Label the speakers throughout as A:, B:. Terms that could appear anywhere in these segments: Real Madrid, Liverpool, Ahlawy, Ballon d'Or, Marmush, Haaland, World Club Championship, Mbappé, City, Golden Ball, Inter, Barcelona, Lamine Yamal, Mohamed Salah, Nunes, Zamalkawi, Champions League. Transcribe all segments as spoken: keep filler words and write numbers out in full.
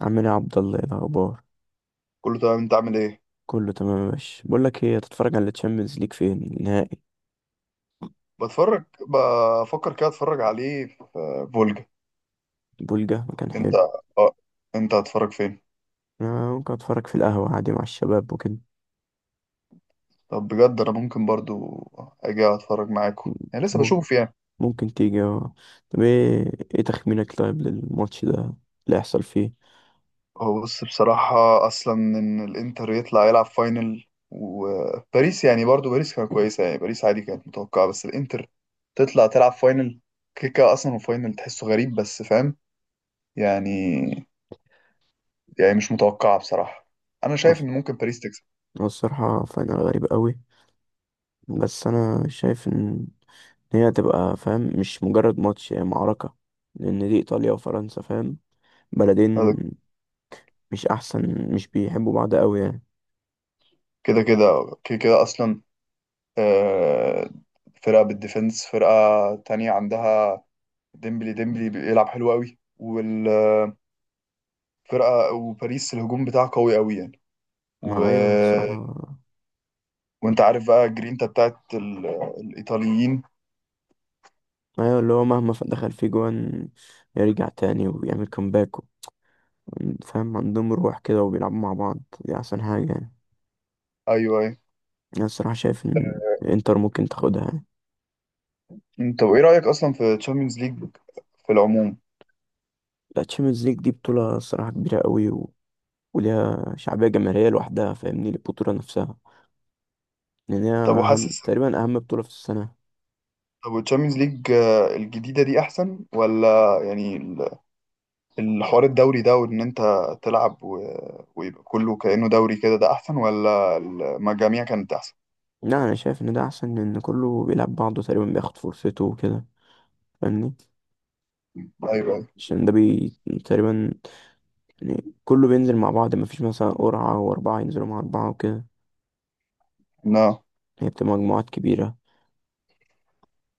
A: عامل ايه يا عبد الله؟ ايه الاخبار؟
B: كله تمام، انت عامل ايه؟
A: كله تمام يا باشا. بقول لك ايه، هتتفرج على الشامبيونز ليج؟ فين النهائي؟
B: بتفرج. بفكر كده اتفرج عليه في فولجا.
A: بولجا مكان
B: انت
A: حلو.
B: اه انت هتتفرج فين؟
A: آه، ممكن اتفرج في القهوه عادي مع الشباب وكده.
B: طب بجد انا ممكن برضو اجي اتفرج معاكم. يعني
A: أنت
B: لسه
A: مم-
B: بشوف يعني.
A: ممكن تيجي، اه. طب ايه ايه تخمينك طيب للماتش ده اللي هيحصل فيه؟
B: هو بص، بصراحة اصلا ان الانتر يطلع يلعب فاينل، وباريس يعني برضو باريس كانت كويسة يعني، باريس عادي كانت متوقعة، بس الانتر تطلع تلعب فاينل كيكا اصلا وفاينل تحسه غريب، بس فاهم يعني يعني مش متوقعة بصراحة. انا
A: هو
B: شايف ان ممكن باريس تكسب
A: هو الصراحه فاينل غريب قوي، بس انا شايف ان هي هتبقى، فاهم، مش مجرد ماتش، هي معركه. لان دي ايطاليا وفرنسا، فاهم، بلدين. مش احسن، مش بيحبوا بعض قوي يعني.
B: كده كده كده كده أصلا. آه، فرقة بالديفنس، فرقة تانية عندها ديمبلي ديمبلي بيلعب حلو قوي، والفرقة وباريس الهجوم بتاعها قوي قوي يعني و...
A: ما ايوه الصراحه.
B: وانت عارف بقى جرينتا بتاعت ال... الإيطاليين.
A: ايوه، اللي هو مهما ف- دخل فيه جوان يرجع تاني ويعمل كومباك. فاهم، عندهم روح كده وبيلعبوا مع بعض، دي احسن حاجة يعني.
B: أيوه أيوه.
A: انا الصراحة شايف ان انتر ممكن تاخدها يعني.
B: انت وإيه رأيك أصلا في تشامبيونز ليج في العموم؟
A: لا، تشامpiونز ليج دي بطولة الصراحة كبيرة قوي و... وليها شعبية جماهيرية لوحدها، فاهمني، البطولة نفسها. لان هي
B: طب
A: اهم
B: وحاسس
A: تقريبا، اهم بطولة في السنة.
B: طب التشامبيونز ليج الجديدة دي أحسن، ولا يعني الحوار الدوري ده، وان انت تلعب و... ويبقى كله كأنه دوري كده، ده احسن ولا المجاميع كانت احسن؟
A: لا، انا شايف ان ده احسن لان كله بيلعب بعضه تقريبا، بياخد فرصته وكده. فاهمني،
B: ايوه ايوه.
A: عشان ده بي تقريبا، يعني كله بينزل مع بعض، مفيش مثلا قرعة وأربعة ينزلوا مع أربعة وكده.
B: لا،
A: هي بتبقى مجموعات كبيرة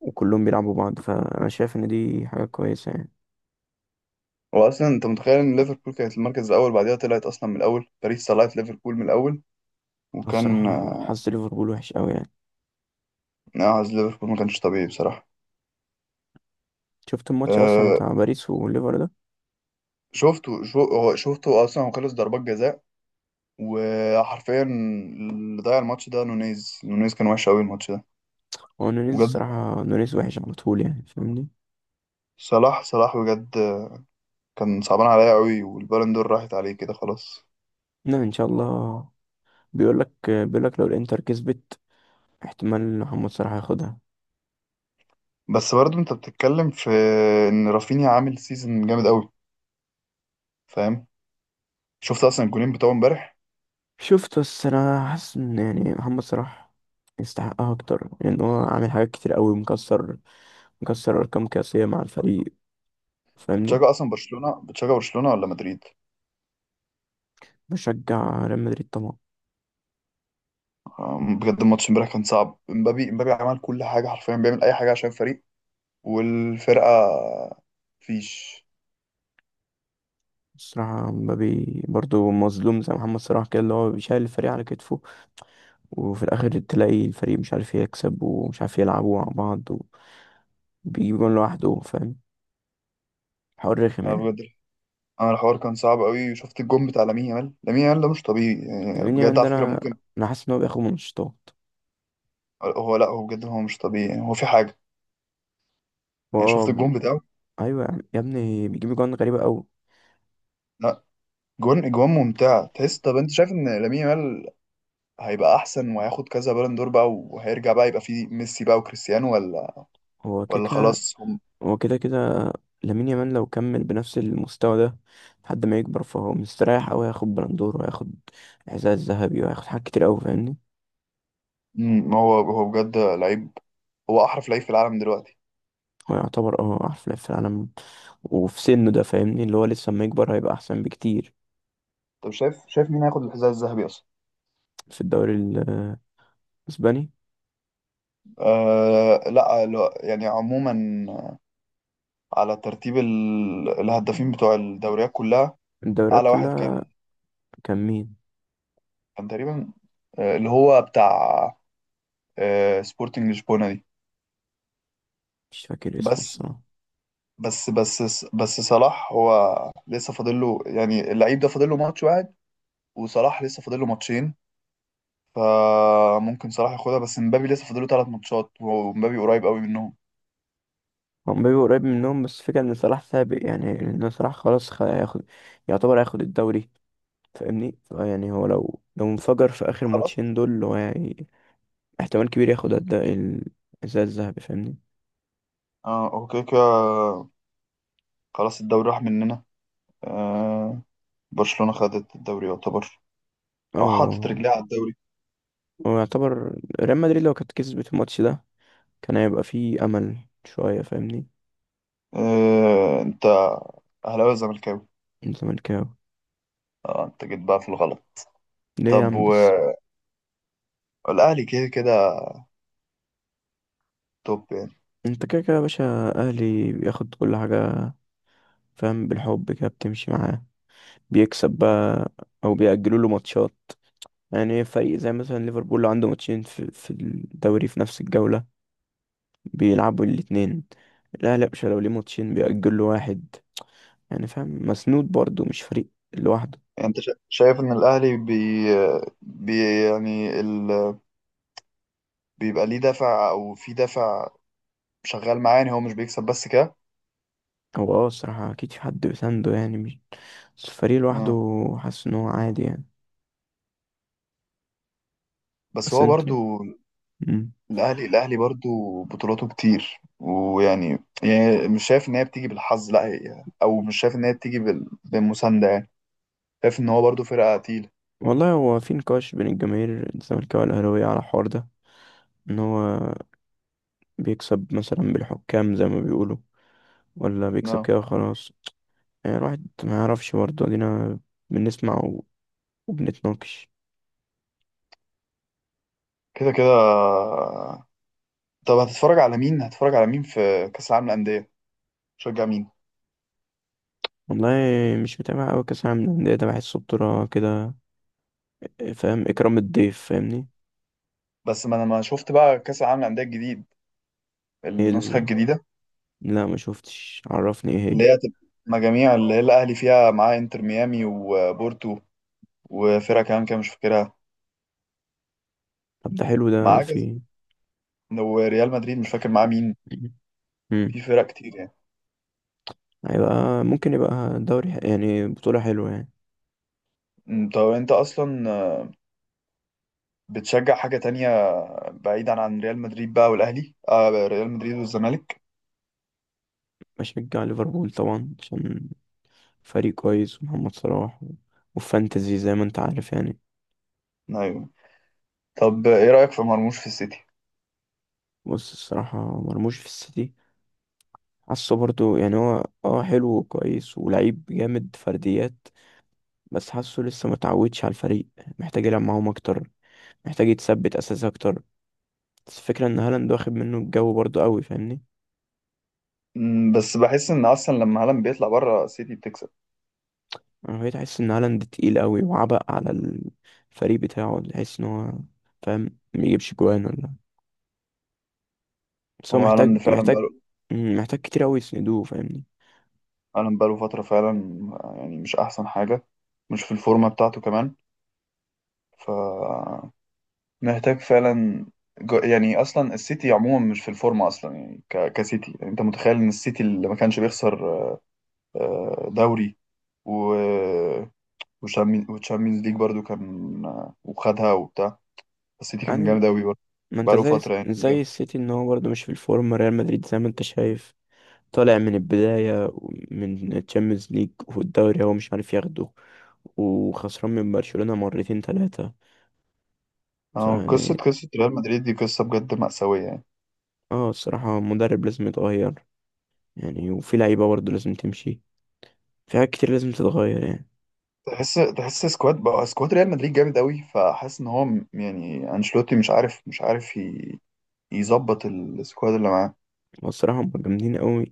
A: وكلهم بيلعبوا بعض، فأنا شايف إن دي حاجة كويسة يعني.
B: هو اصلا انت متخيل ان ليفربول كانت المركز الاول، بعدها طلعت اصلا من الاول، باريس طلعت ليفربول من الاول،
A: أنا
B: وكان
A: الصراحة حظ ليفربول وحش أوي يعني.
B: نعز ليفربول ما كانش طبيعي بصراحة.
A: شفت الماتش أصلا
B: أه،
A: بتاع باريس والليفر ده؟
B: شفته شو هو شفته اصلا، هو خلص ضربات جزاء وحرفيا اللي ضيع الماتش ده نونيز نونيز، كان وحش قوي الماتش ده.
A: هو نونيز
B: بجد
A: الصراحة، نونيز وحش على طول يعني، فاهمني.
B: صلاح صلاح بجد، كان صعبان عليا قوي والبالون دور راحت عليه كده خلاص.
A: لا، إن شاء الله. بيقولك بيقولك لو الإنتر كسبت احتمال محمد صلاح ياخدها.
B: بس برضه انت بتتكلم في ان رافينيا عامل سيزون جامد قوي، فاهم. شفت اصلا الجولين بتوعه امبارح؟
A: شفت؟ بس أنا حاسس إن يعني محمد صلاح يستحقها أكتر، لأن هو عامل حاجات كتير أوي. مكسر مكسر أرقام قياسية مع الفريق،
B: انت
A: فاهمني.
B: بتشجع اصلا برشلونة؟ بتشجع برشلونة ولا مدريد؟
A: بشجع ريال مدريد طبعا.
B: آه، بجد الماتش امبارح كان صعب، امبابي امبابي عمل كل حاجة، حرفيا بيعمل اي حاجة عشان الفريق والفرقة فيش.
A: الصراحة مبابي برضو مظلوم زي محمد صلاح كده، اللي هو بيشيل الفريق على كتفه، وفي الآخر تلاقي الفريق مش عارف يكسب ومش عارف يلعبوا مع بعض، وبيجيب جون لوحده. فاهم، حوار رخم
B: انا
A: يعني.
B: بجد، انا الحوار كان صعب قوي، وشفت الجون بتاع لامين يامال. لامين يامال ده مش طبيعي يعني
A: لامين
B: بجد،
A: يامال ده
B: على فكرة
A: أنا
B: ممكن.
A: أنا حاسس إن هو بياخد منشطات.
B: هو لا، هو بجد هو مش طبيعي يعني، هو في حاجة
A: هو
B: يعني.
A: آه
B: شفت
A: ب-
B: الجون بتاعه؟
A: أيوة يا عم- يا ابني، بيجيب جون غريبة أوي.
B: لا، جون اجوان ممتعة تحس. طب انت شايف ان لامين يامال هيبقى احسن وهياخد كذا بالون دور بقى وهيرجع بقى يبقى فيه ميسي بقى وكريستيانو، ولا
A: هو
B: ولا
A: كيكا،
B: خلاص هم؟
A: هو كده كده. لامين يامال لو كمل بنفس المستوى ده لحد ما يكبر، فهو مستريح أوي، هياخد بلندور وهياخد إعزاز ذهبي وهياخد حاجات كتير أوي فاهمني.
B: مم، هو هو بجد لعيب، هو احرف لعيب في العالم دلوقتي.
A: هو يعتبر اه أحسن لاعب في العالم وفي سنه ده، فاهمني، اللي هو لسه اما يكبر هيبقى احسن بكتير.
B: طب شايف شايف مين هياخد الحذاء الذهبي اصلا؟
A: في الدوري ال- الاسباني.
B: آه لا لا، يعني عموما على ترتيب ال- الهدافين بتوع الدوريات كلها،
A: الدوريات
B: اعلى واحد كان
A: كلها. كان مين؟
B: كان تقريبا آه، اللي هو بتاع آه، سبورتنج لشبونة دي.
A: مش فاكر اسمه
B: بس
A: الصراحه.
B: بس بس بس صلاح هو لسه فاضل له يعني، اللعيب ده فاضل له ماتش واحد، وصلاح لسه فاضل له ماتشين. فممكن صلاح ياخدها، بس مبابي لسه فاضل له ثلاث ماتشات، ومبابي قريب قوي منهم.
A: هو مبابي قريب منهم، بس فكرة ان صلاح سابق يعني. لان صلاح خلاص خ- هياخد، يعتبر هياخد الدوري فاهمني. ف- يعني هو لو لو انفجر في اخر
B: خلاص،
A: ماتشين دول، هو هي- احتمال كبير ياخد الد- الحذاء الذهبي فاهمني.
B: اه اوكي كده، خلاص الدوري راح مننا. آه، برشلونة خدت الدوري يعتبر،
A: اه
B: او حطت
A: هو
B: رجليها على الدوري.
A: هو يعتبر ريال مدريد لو كانت كسبت الماتش ده كان هيبقى فيه امل شويه فاهمني.
B: آه، انت اهلاوي ولا زملكاوي؟
A: من زمان.
B: اه، انت جيت بقى في الغلط.
A: ليه يا
B: طب،
A: عم بس؟
B: والاهلي كده كده توب يعني.
A: انت كده كده يا باشا، اهلي بياخد كل حاجة. فاهم، بالحب كده بتمشي معاه، بيكسب بقى او بيأجلوا له ماتشات. يعني فريق زي مثلا ليفربول لو عنده ماتشين في, في الدوري في نفس الجولة، بيلعبوا الاتنين. الاهلي يا باشا لو ليه ماتشين بيأجل له واحد. يعني فاهم، مسنود برضه، مش فريق لوحده.
B: يعني انت شا- شايف ان الاهلي بي, بي يعني ال... بيبقى ليه دافع، او في دافع شغال معاه، يعني هو مش بيكسب بس كده؟
A: هو اه الصراحة اكيد في حد بيسنده يعني، مش بس الفريق لوحده.
B: آه.
A: حاسس ان هو عادي يعني.
B: بس
A: بس
B: هو
A: انتوا...
B: برضو
A: مم.
B: الاهلي الاهلي برضو بطولاته كتير، ويعني يعني مش شايف ان هي بتيجي بالحظ، لا، هي او مش شايف ان هي بتيجي بال- بالمسانده يعني، شايف ان هو برضو فرقه تقيله.
A: والله هو في نقاش بين الجماهير الزمالكاوية والأهلاوية على الحوار ده، ان هو بيكسب مثلا بالحكام زي ما بيقولوا، ولا بيكسب
B: نعم.
A: كده خلاص. يعني الواحد ما يعرفش برضه، ادينا بنسمع و- وبنتناقش.
B: كده كده. طب هتتفرج على مين هتتفرج على مين في كاس العالم للانديه؟ شجع مين.
A: والله مش متابع قوي كاس العالم للانديه ده، بحسه بطوله كده، فاهم، اكرام الضيف فاهمني.
B: بس ما انا ما شفت بقى كاس العالم للانديه الجديد،
A: ايه
B: النسخه
A: ال...
B: الجديده،
A: لا ما شفتش، عرفني ايه
B: اللي
A: هي.
B: هي هتبقى مجاميع، اللي هي الاهلي فيها معاه انتر ميامي وبورتو وفرقه كمان كده مش فاكرها،
A: طب ده حلو، ده ده
B: معاه كذا،
A: في...
B: وريال مدريد مش فاكر معاه مين.
A: امم.
B: في فرق كتير يعني.
A: هيبقى ممكن يبقى دوري ح- يعني بطوله حلوه يعني.
B: أمم، طب انت اصلا، آه، بتشجع حاجة تانية بعيدا عن ريال مدريد بقى والاهلي؟ آه، ريال مدريد والزمالك.
A: بشجع ليفربول طبعا عشان فريق كويس ومحمد صلاح و... وفانتزي زي ما انت عارف يعني.
B: ايوه. طب ايه رأيك في مرموش في السيتي؟
A: بص الصراحة مرموش في السيتي، حاسه برضو يعني هو اه حلو وكويس ولعيب جامد فرديات، بس حاسه لسه متعودش على الفريق، محتاج يلعب معاهم اكتر، محتاج يتثبت اساس اكتر. بس الفكرة ان هالاند واخد منه الجو برضو قوي فاهمني.
B: أمم، بس بحس ان اصلا لما هالاند بيطلع بره السيتي بتكسب.
A: انا بقيت احس ان هالاند تقيل قوي وعبء على الفريق بتاعه، تحس ان هو فاهم ميجيبش جوان ولا. بس هو
B: هو
A: محتاج
B: هالاند فعلا
A: محتاج
B: بقاله،
A: مم، محتاج كتير قوي يسندوه فاهمني.
B: هالاند بقاله فترة فعلا. آه، يعني مش احسن حاجة، مش في الفورمة بتاعته كمان، ف محتاج فعلا، جو- يعني اصلا السيتي عموما مش في الفورمة اصلا يعني، ك... كسيتي يعني. انت متخيل ان السيتي اللي ما كانش بيخسر آه، دوري و وتشامبيونز ليج برضو، كان آه، وخدها وبتاع، السيتي كان
A: يعني
B: جامد أوي برضه
A: ما انت
B: بقاله
A: زي
B: فترة يعني، كان
A: زي
B: جامد.
A: السيتي ان هو برضو مش في الفورم. ريال مدريد زي ما انت شايف، طالع من البداية، من تشامبيونز ليج والدوري هو مش عارف ياخده، وخسران من برشلونة مرتين تلاتة.
B: آه، قصة
A: فيعني
B: قصة ريال مدريد دي قصة بجد مأساوية يعني.
A: اه الصراحة مدرب لازم يتغير يعني، وفي لعيبة برضه لازم تمشي. في حاجات كتير لازم تتغير يعني.
B: تحس، تحس سكواد بقى سكواد ريال مدريد جامد أوي، فحاسس إن هو م- يعني أنشيلوتي مش عارف مش عارف ي- يظبط السكواد اللي معاه.
A: والصراحة هم جامدين قوي،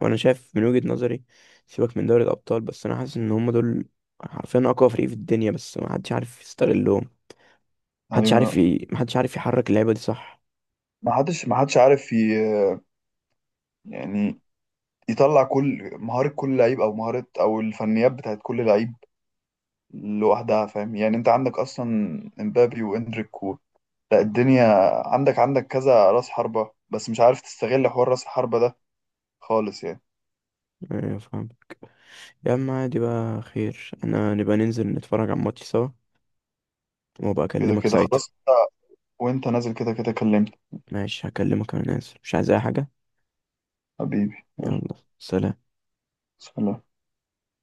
A: وأنا شايف من وجهة نظري، سيبك من دوري الأبطال، بس أنا حاسس إن هم دول حرفيا أقوى فريق في الدنيا، بس محدش عارف يستغلهم. محدش عارف
B: أيوة،
A: ي... محدش عارف يحرك اللعيبة دي، صح.
B: ما حدش ما حدش عارف ي- يعني يطلع كل مهارة، كل لعيب أو مهارة أو الفنيات بتاعت كل لعيب لوحدها، فاهم يعني. انت عندك اصلا امبابي واندريك و... لا الدنيا، عندك عندك كذا راس حربة، بس مش عارف تستغل حوار راس الحربة ده خالص يعني.
A: آه، فاهم. يا عم عادي بقى، خير انا نبقى ننزل نتفرج على الماتش سوا وابقى
B: كده
A: اكلمك
B: كده
A: ساعتها.
B: خلاص، وانت نازل كده كده كلمت.
A: ماشي هكلمك، انا نازل مش عايز اي حاجة.
B: حبيبي يلا.
A: يلا سلام.
B: سلام.